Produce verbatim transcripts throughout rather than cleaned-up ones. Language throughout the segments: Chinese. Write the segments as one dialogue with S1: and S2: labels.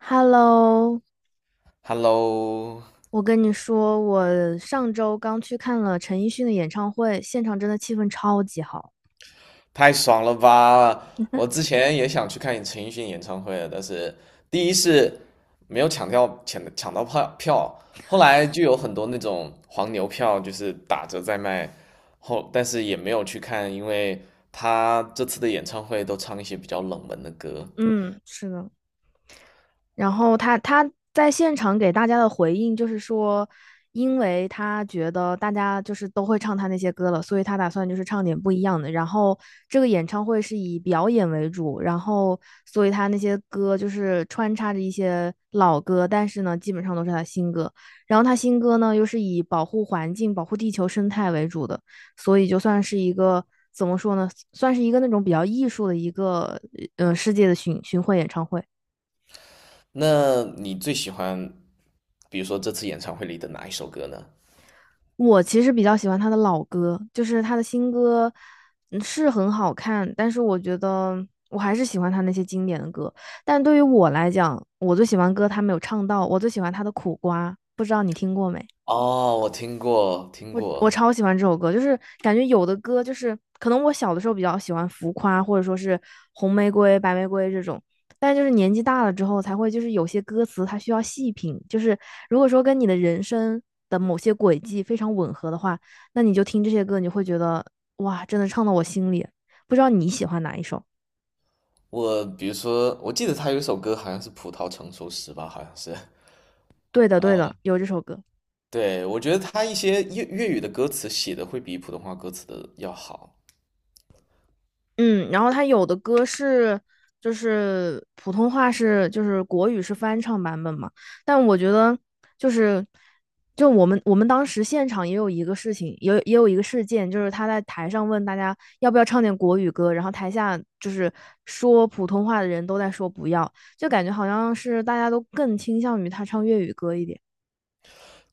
S1: Hello，
S2: Hello，
S1: 我跟你说，我上周刚去看了陈奕迅的演唱会，现场真的气氛超级好。
S2: 太爽了吧！我之前也想去看陈奕迅演唱会的，但是第一是没有抢掉抢抢到票票，后来就有很多那种黄牛票就是打折在卖，后但是也没有去看，因为他这次的演唱会都唱一些比较冷门的歌。
S1: 嗯，是的。然后他他在现场给大家的回应就是说，因为他觉得大家就是都会唱他那些歌了，所以他打算就是唱点不一样的。然后这个演唱会是以表演为主，然后所以他那些歌就是穿插着一些老歌，但是呢，基本上都是他新歌。然后他新歌呢又是以保护环境、保护地球生态为主的，所以就算是一个。怎么说呢？算是一个那种比较艺术的一个，呃，世界的巡巡回演唱会。
S2: 那你最喜欢，比如说这次演唱会里的哪一首歌呢？
S1: 我其实比较喜欢他的老歌，就是他的新歌，嗯是很好看，但是我觉得我还是喜欢他那些经典的歌。但对于我来讲，我最喜欢歌他没有唱到，我最喜欢他的《苦瓜》，不知道你听过没？
S2: 哦，我听过，听
S1: 我我
S2: 过。
S1: 超喜欢这首歌，就是感觉有的歌就是可能我小的时候比较喜欢浮夸，或者说是红玫瑰、白玫瑰这种，但是就是年纪大了之后才会，就是有些歌词它需要细品，就是如果说跟你的人生的某些轨迹非常吻合的话，那你就听这些歌，你会觉得哇，真的唱到我心里。不知道你喜欢哪一首？
S2: 我比如说，我记得他有一首歌好像是《葡萄成熟时》吧，好像是。
S1: 对的，对的，
S2: 呃，
S1: 有这首歌。
S2: 对，我觉得他一些粤粤语的歌词写的会比普通话歌词的要好。
S1: 嗯，然后他有的歌是就是普通话是就是国语是翻唱版本嘛，但我觉得就是就我们我们当时现场也有一个事情，也有也有一个事件，就是他在台上问大家要不要唱点国语歌，然后台下就是说普通话的人都在说不要，就感觉好像是大家都更倾向于他唱粤语歌一点。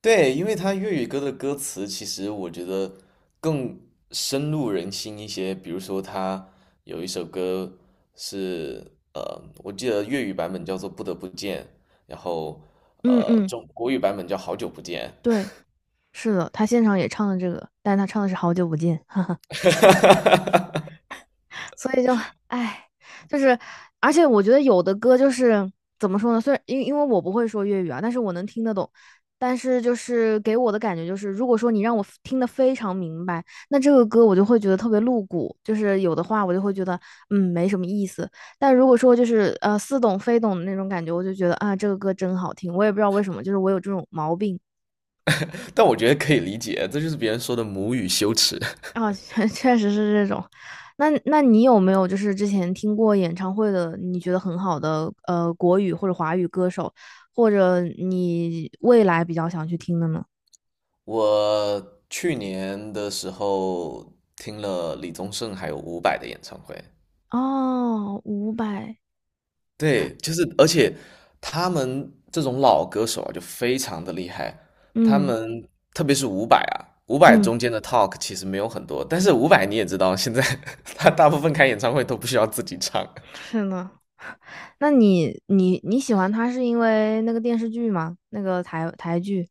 S2: 对，因为他粤语歌的歌词其实我觉得更深入人心一些。比如说，他有一首歌是呃，我记得粤语版本叫做《不得不见》，然后
S1: 嗯
S2: 呃，
S1: 嗯，
S2: 中国语版本叫《好久不见》，
S1: 对，是的，他现场也唱了这个，但是他唱的是《好久不见》，所以就唉，就是而且我觉得有的歌就是怎么说呢？虽然因因为我不会说粤语啊，但是我能听得懂。但是就是给我的感觉就是，如果说你让我听得非常明白，那这个歌我就会觉得特别露骨，就是有的话我就会觉得嗯没什么意思。但如果说就是呃似懂非懂的那种感觉，我就觉得啊这个歌真好听。我也不知道为什么，就是我有这种毛病。
S2: 但我觉得可以理解，这就是别人说的母语羞耻。
S1: 啊，确确实是这种。那那你有没有就是之前听过演唱会的，你觉得很好的呃国语或者华语歌手，或者你未来比较想去听的呢？
S2: 我去年的时候听了李宗盛还有伍佰的演唱会，
S1: 哦，伍佰，
S2: 对，就是而且他们这种老歌手啊，就非常的厉害。他
S1: 嗯
S2: 们特别是伍佰啊，伍佰
S1: 嗯，
S2: 中间的 talk 其实没有很多，但是伍佰你也知道，现在 他大部分开演唱会都不需要自己唱。
S1: 是呢。那你你你喜欢他是因为那个电视剧吗？那个台台剧。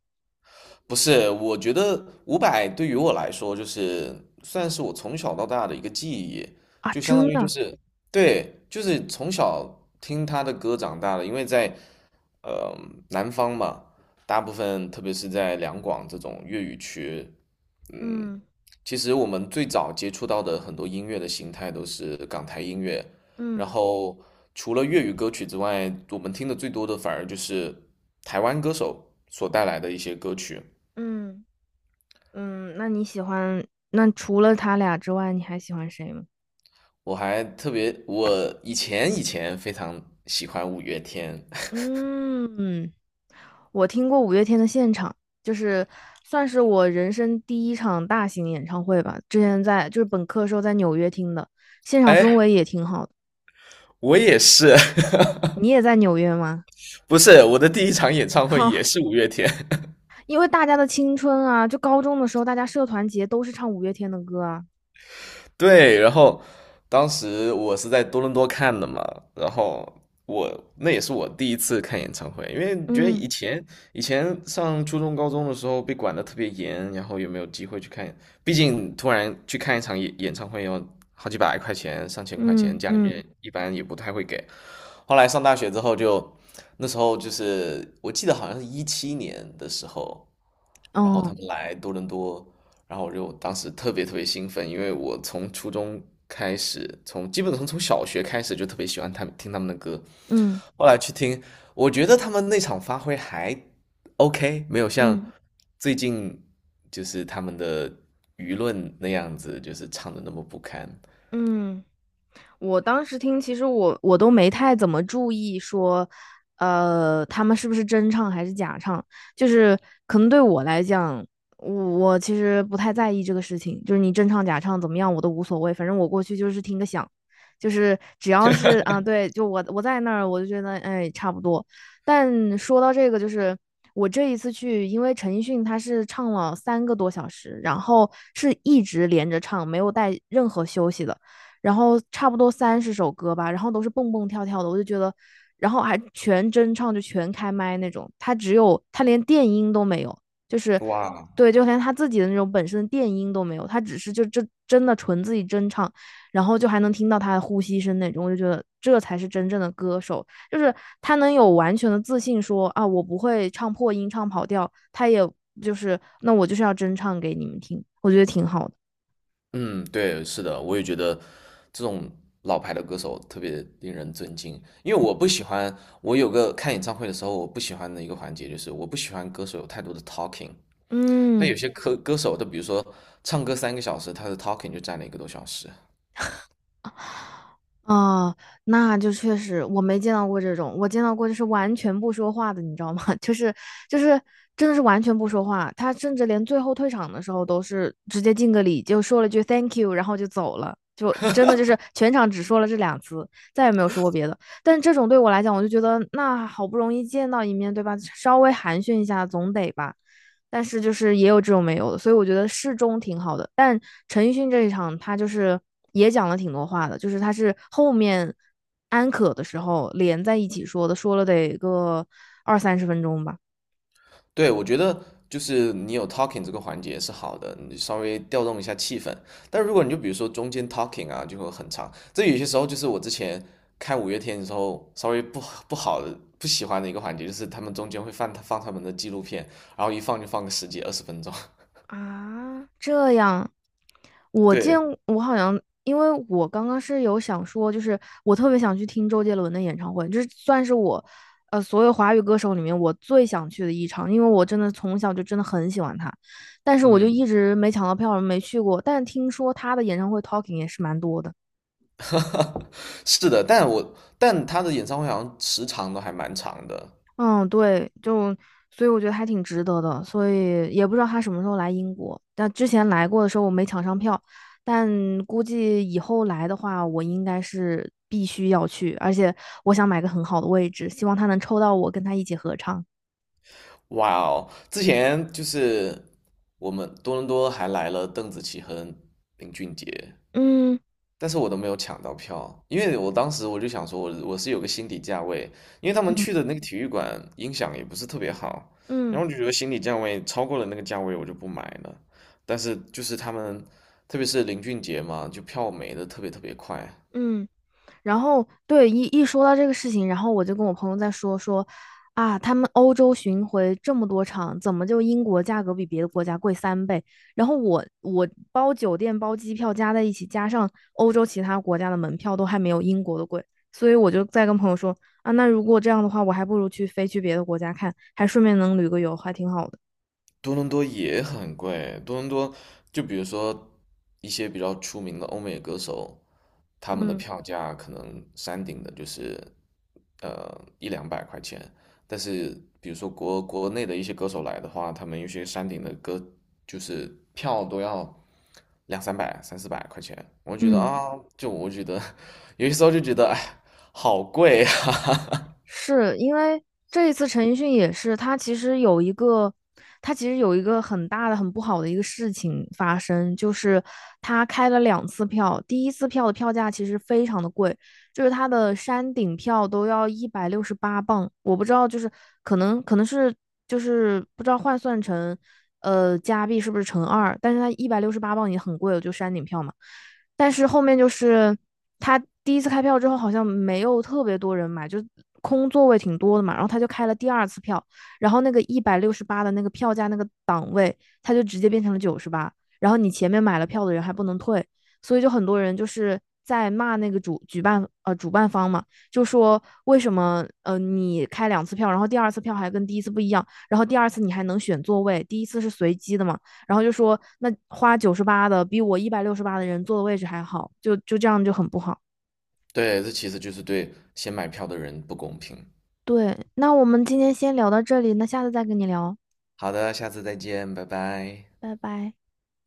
S2: 不是，我觉得伍佰对于我来说，就是算是我从小到大的一个记忆，
S1: 啊，
S2: 就相当
S1: 真
S2: 于就
S1: 的。
S2: 是，对，就是从小听他的歌长大的，因为在呃南方嘛，大部分特别是在两广这种粤语区，嗯，
S1: 嗯
S2: 其实我们最早接触到的很多音乐的形态都是港台音乐，然
S1: 嗯
S2: 后除了粤语歌曲之外，我们听的最多的反而就是台湾歌手所带来的一些歌曲。
S1: 嗯嗯，那你喜欢，那除了他俩之外，你还喜欢谁吗？
S2: 我还特别，我以前以前非常喜欢五月天，
S1: 嗯，我听过五月天的现场，就是算是我人生第一场大型演唱会吧。之前在就是本科时候在纽约听的，现场氛
S2: 哎，
S1: 围也挺好的。
S2: 我也是，
S1: 你也在纽约吗？
S2: 不是我的第一场演 唱会也
S1: 哈，
S2: 是五月天，
S1: 因为大家的青春啊，就高中的时候，大家社团节都是唱五月天的歌啊。
S2: 对，然后当时我是在多伦多看的嘛，然后我那也是我第一次看演唱会，因为觉得
S1: 嗯
S2: 以前以前上初中高中的时候被管的特别严，然后也没有机会去看，毕竟突然去看一场演演唱会要好几百块钱、上千块钱，
S1: 嗯
S2: 家里
S1: 嗯，
S2: 面一般也不太会给。后来上大学之后就，那时候就是我记得好像是一七年的时候，然后
S1: 哦，
S2: 他们来多伦多，然后我就当时特别特别兴奋，因为我从初中开始，从基本上从小学开始就特别喜欢他们听他们的歌，
S1: 嗯
S2: 后来去听，我觉得他们那场发挥还 OK，没有像
S1: 嗯
S2: 最近就是他们的舆论那样子，就是唱的那么不堪。
S1: 嗯。我当时听，其实我我都没太怎么注意说，呃，他们是不是真唱还是假唱，就是可能对我来讲，我我其实不太在意这个事情，就是你真唱假唱怎么样我都无所谓，反正我过去就是听个响，就是只要是啊对，就我我在那儿我就觉得哎差不多。但说到这个，就是我这一次去，因为陈奕迅他是唱了三个多小时，然后是一直连着唱，没有带任何休息的。然后差不多三十首歌吧，然后都是蹦蹦跳跳的，我就觉得，然后还全真唱，就全开麦那种。他只有他连电音都没有，就是
S2: 哇，
S1: 对，就连他自己的那种本身的电音都没有，他只是就真真的纯自己真唱，然后就还能听到他的呼吸声那种，我就觉得这才是真正的歌手，就是他能有完全的自信说啊，我不会唱破音、唱跑调，他也就是那我就是要真唱给你们听，我觉得挺好的。
S2: 嗯，对，是的，我也觉得这种老牌的歌手特别令人尊敬，因为我不喜欢，我有个看演唱会的时候，我不喜欢的一个环节就是我不喜欢歌手有太多的 talking，但
S1: 嗯。
S2: 有些歌歌手，他比如说唱歌三个小时，他的 talking 就占了一个多小时。
S1: 哦，那就确实我没见到过这种，我见到过就是完全不说话的，你知道吗？就是就是真的是完全不说话，他甚至连最后退场的时候都是直接敬个礼，就说了句 thank you，然后就走了，就真的就是全场只说了这两次，再也没有说过别的。但这种对我来讲，我就觉得那好不容易见到一面，对吧？稍微寒暄一下总得吧。但是就是也有这种没有的，所以我觉得适中挺好的。但陈奕迅这一场，他就是也讲了挺多话的，就是他是后面安可的时候连在一起说的，说了得个二三十分钟吧。
S2: 对，我觉得就是你有 talking 这个环节是好的，你稍微调动一下气氛。但如果你就比如说中间 talking 啊，就会很长。这有些时候就是我之前看五月天的时候，稍微不不好的、不喜欢的一个环节，就是他们中间会放放他们的纪录片，然后一放就放个十几二十分钟。
S1: 啊，这样。我见
S2: 对，
S1: 我好像，因为我刚刚是有想说，就是我特别想去听周杰伦的演唱会，就是算是我，呃，所有华语歌手里面我最想去的一场，因为我真的从小就真的很喜欢他，但是我就一
S2: 嗯，
S1: 直没抢到票，没去过。但是听说他的演唱会 talking 也是蛮多的。
S2: 是的，但我但他的演唱会好像时长都还蛮长的，
S1: 嗯，对，就所以我觉得还挺值得的，所以也不知道他什么时候来英国。但之前来过的时候我没抢上票，但估计以后来的话，我应该是必须要去，而且我想买个很好的位置，希望他能抽到我跟他一起合唱。
S2: 哇哦！之前就是我们多伦多还来了邓紫棋和林俊杰，
S1: 嗯
S2: 但是我都没有抢到票，因为我当时我就想说我，我是有个心理价位，因为他们
S1: 嗯
S2: 去的那个体育馆音响也不是特别好，然
S1: 嗯
S2: 后我就觉得心理价位超过了那个价位，我就不买了。但是就是他们，特别是林俊杰嘛，就票没的特别特别快，
S1: 嗯。然后对一一说到这个事情，然后我就跟我朋友在说说，啊，他们欧洲巡回这么多场，怎么就英国价格比别的国家贵三倍？然后我我包酒店包机票加在一起，加上欧洲其他国家的门票都还没有英国的贵，所以我就在跟朋友说，啊，那如果这样的话，我还不如去飞去别的国家看，还顺便能旅个游，还挺好的。
S2: 多伦多也很贵，多伦多就比如说一些比较出名的欧美歌手，他们的
S1: 嗯
S2: 票价可能山顶的就是呃一两百块钱，但是比如说国国内的一些歌手来的话，他们有些山顶的歌就是票都要两三百、三四百块钱，我觉得
S1: 嗯。
S2: 啊，就我觉得 有些时候就觉得哎，好贵啊，
S1: 是因为这一次陈奕迅也是，他其实有一个，他其实有一个很大的、很不好的一个事情发生，就是他开了两次票，第一次票的票价其实非常的贵，就是他的山顶票都要一百六十八磅，我不知道，就是可能可能是就是不知道换算成呃加币是不是乘二，但是他一百六十八磅已经很贵了，就山顶票嘛。但是后面就是他第一次开票之后，好像没有特别多人买，就空座位挺多的嘛。然后他就开了第二次票，然后那个一百六十八的那个票价那个档位，他就直接变成了九十八。然后你前面买了票的人还不能退，所以就很多人就是在骂那个主举办呃主办方嘛，就说为什么呃你开两次票，然后第二次票还跟第一次不一样，然后第二次你还能选座位，第一次是随机的嘛，然后就说那花九十八的比我一百六十八的人坐的位置还好，就就这样就很不好。
S2: 对，这其实就是对先买票的人不公平。
S1: 对，那我们今天先聊到这里，那下次再跟你聊，
S2: 好的，下次再见，拜拜。
S1: 拜拜。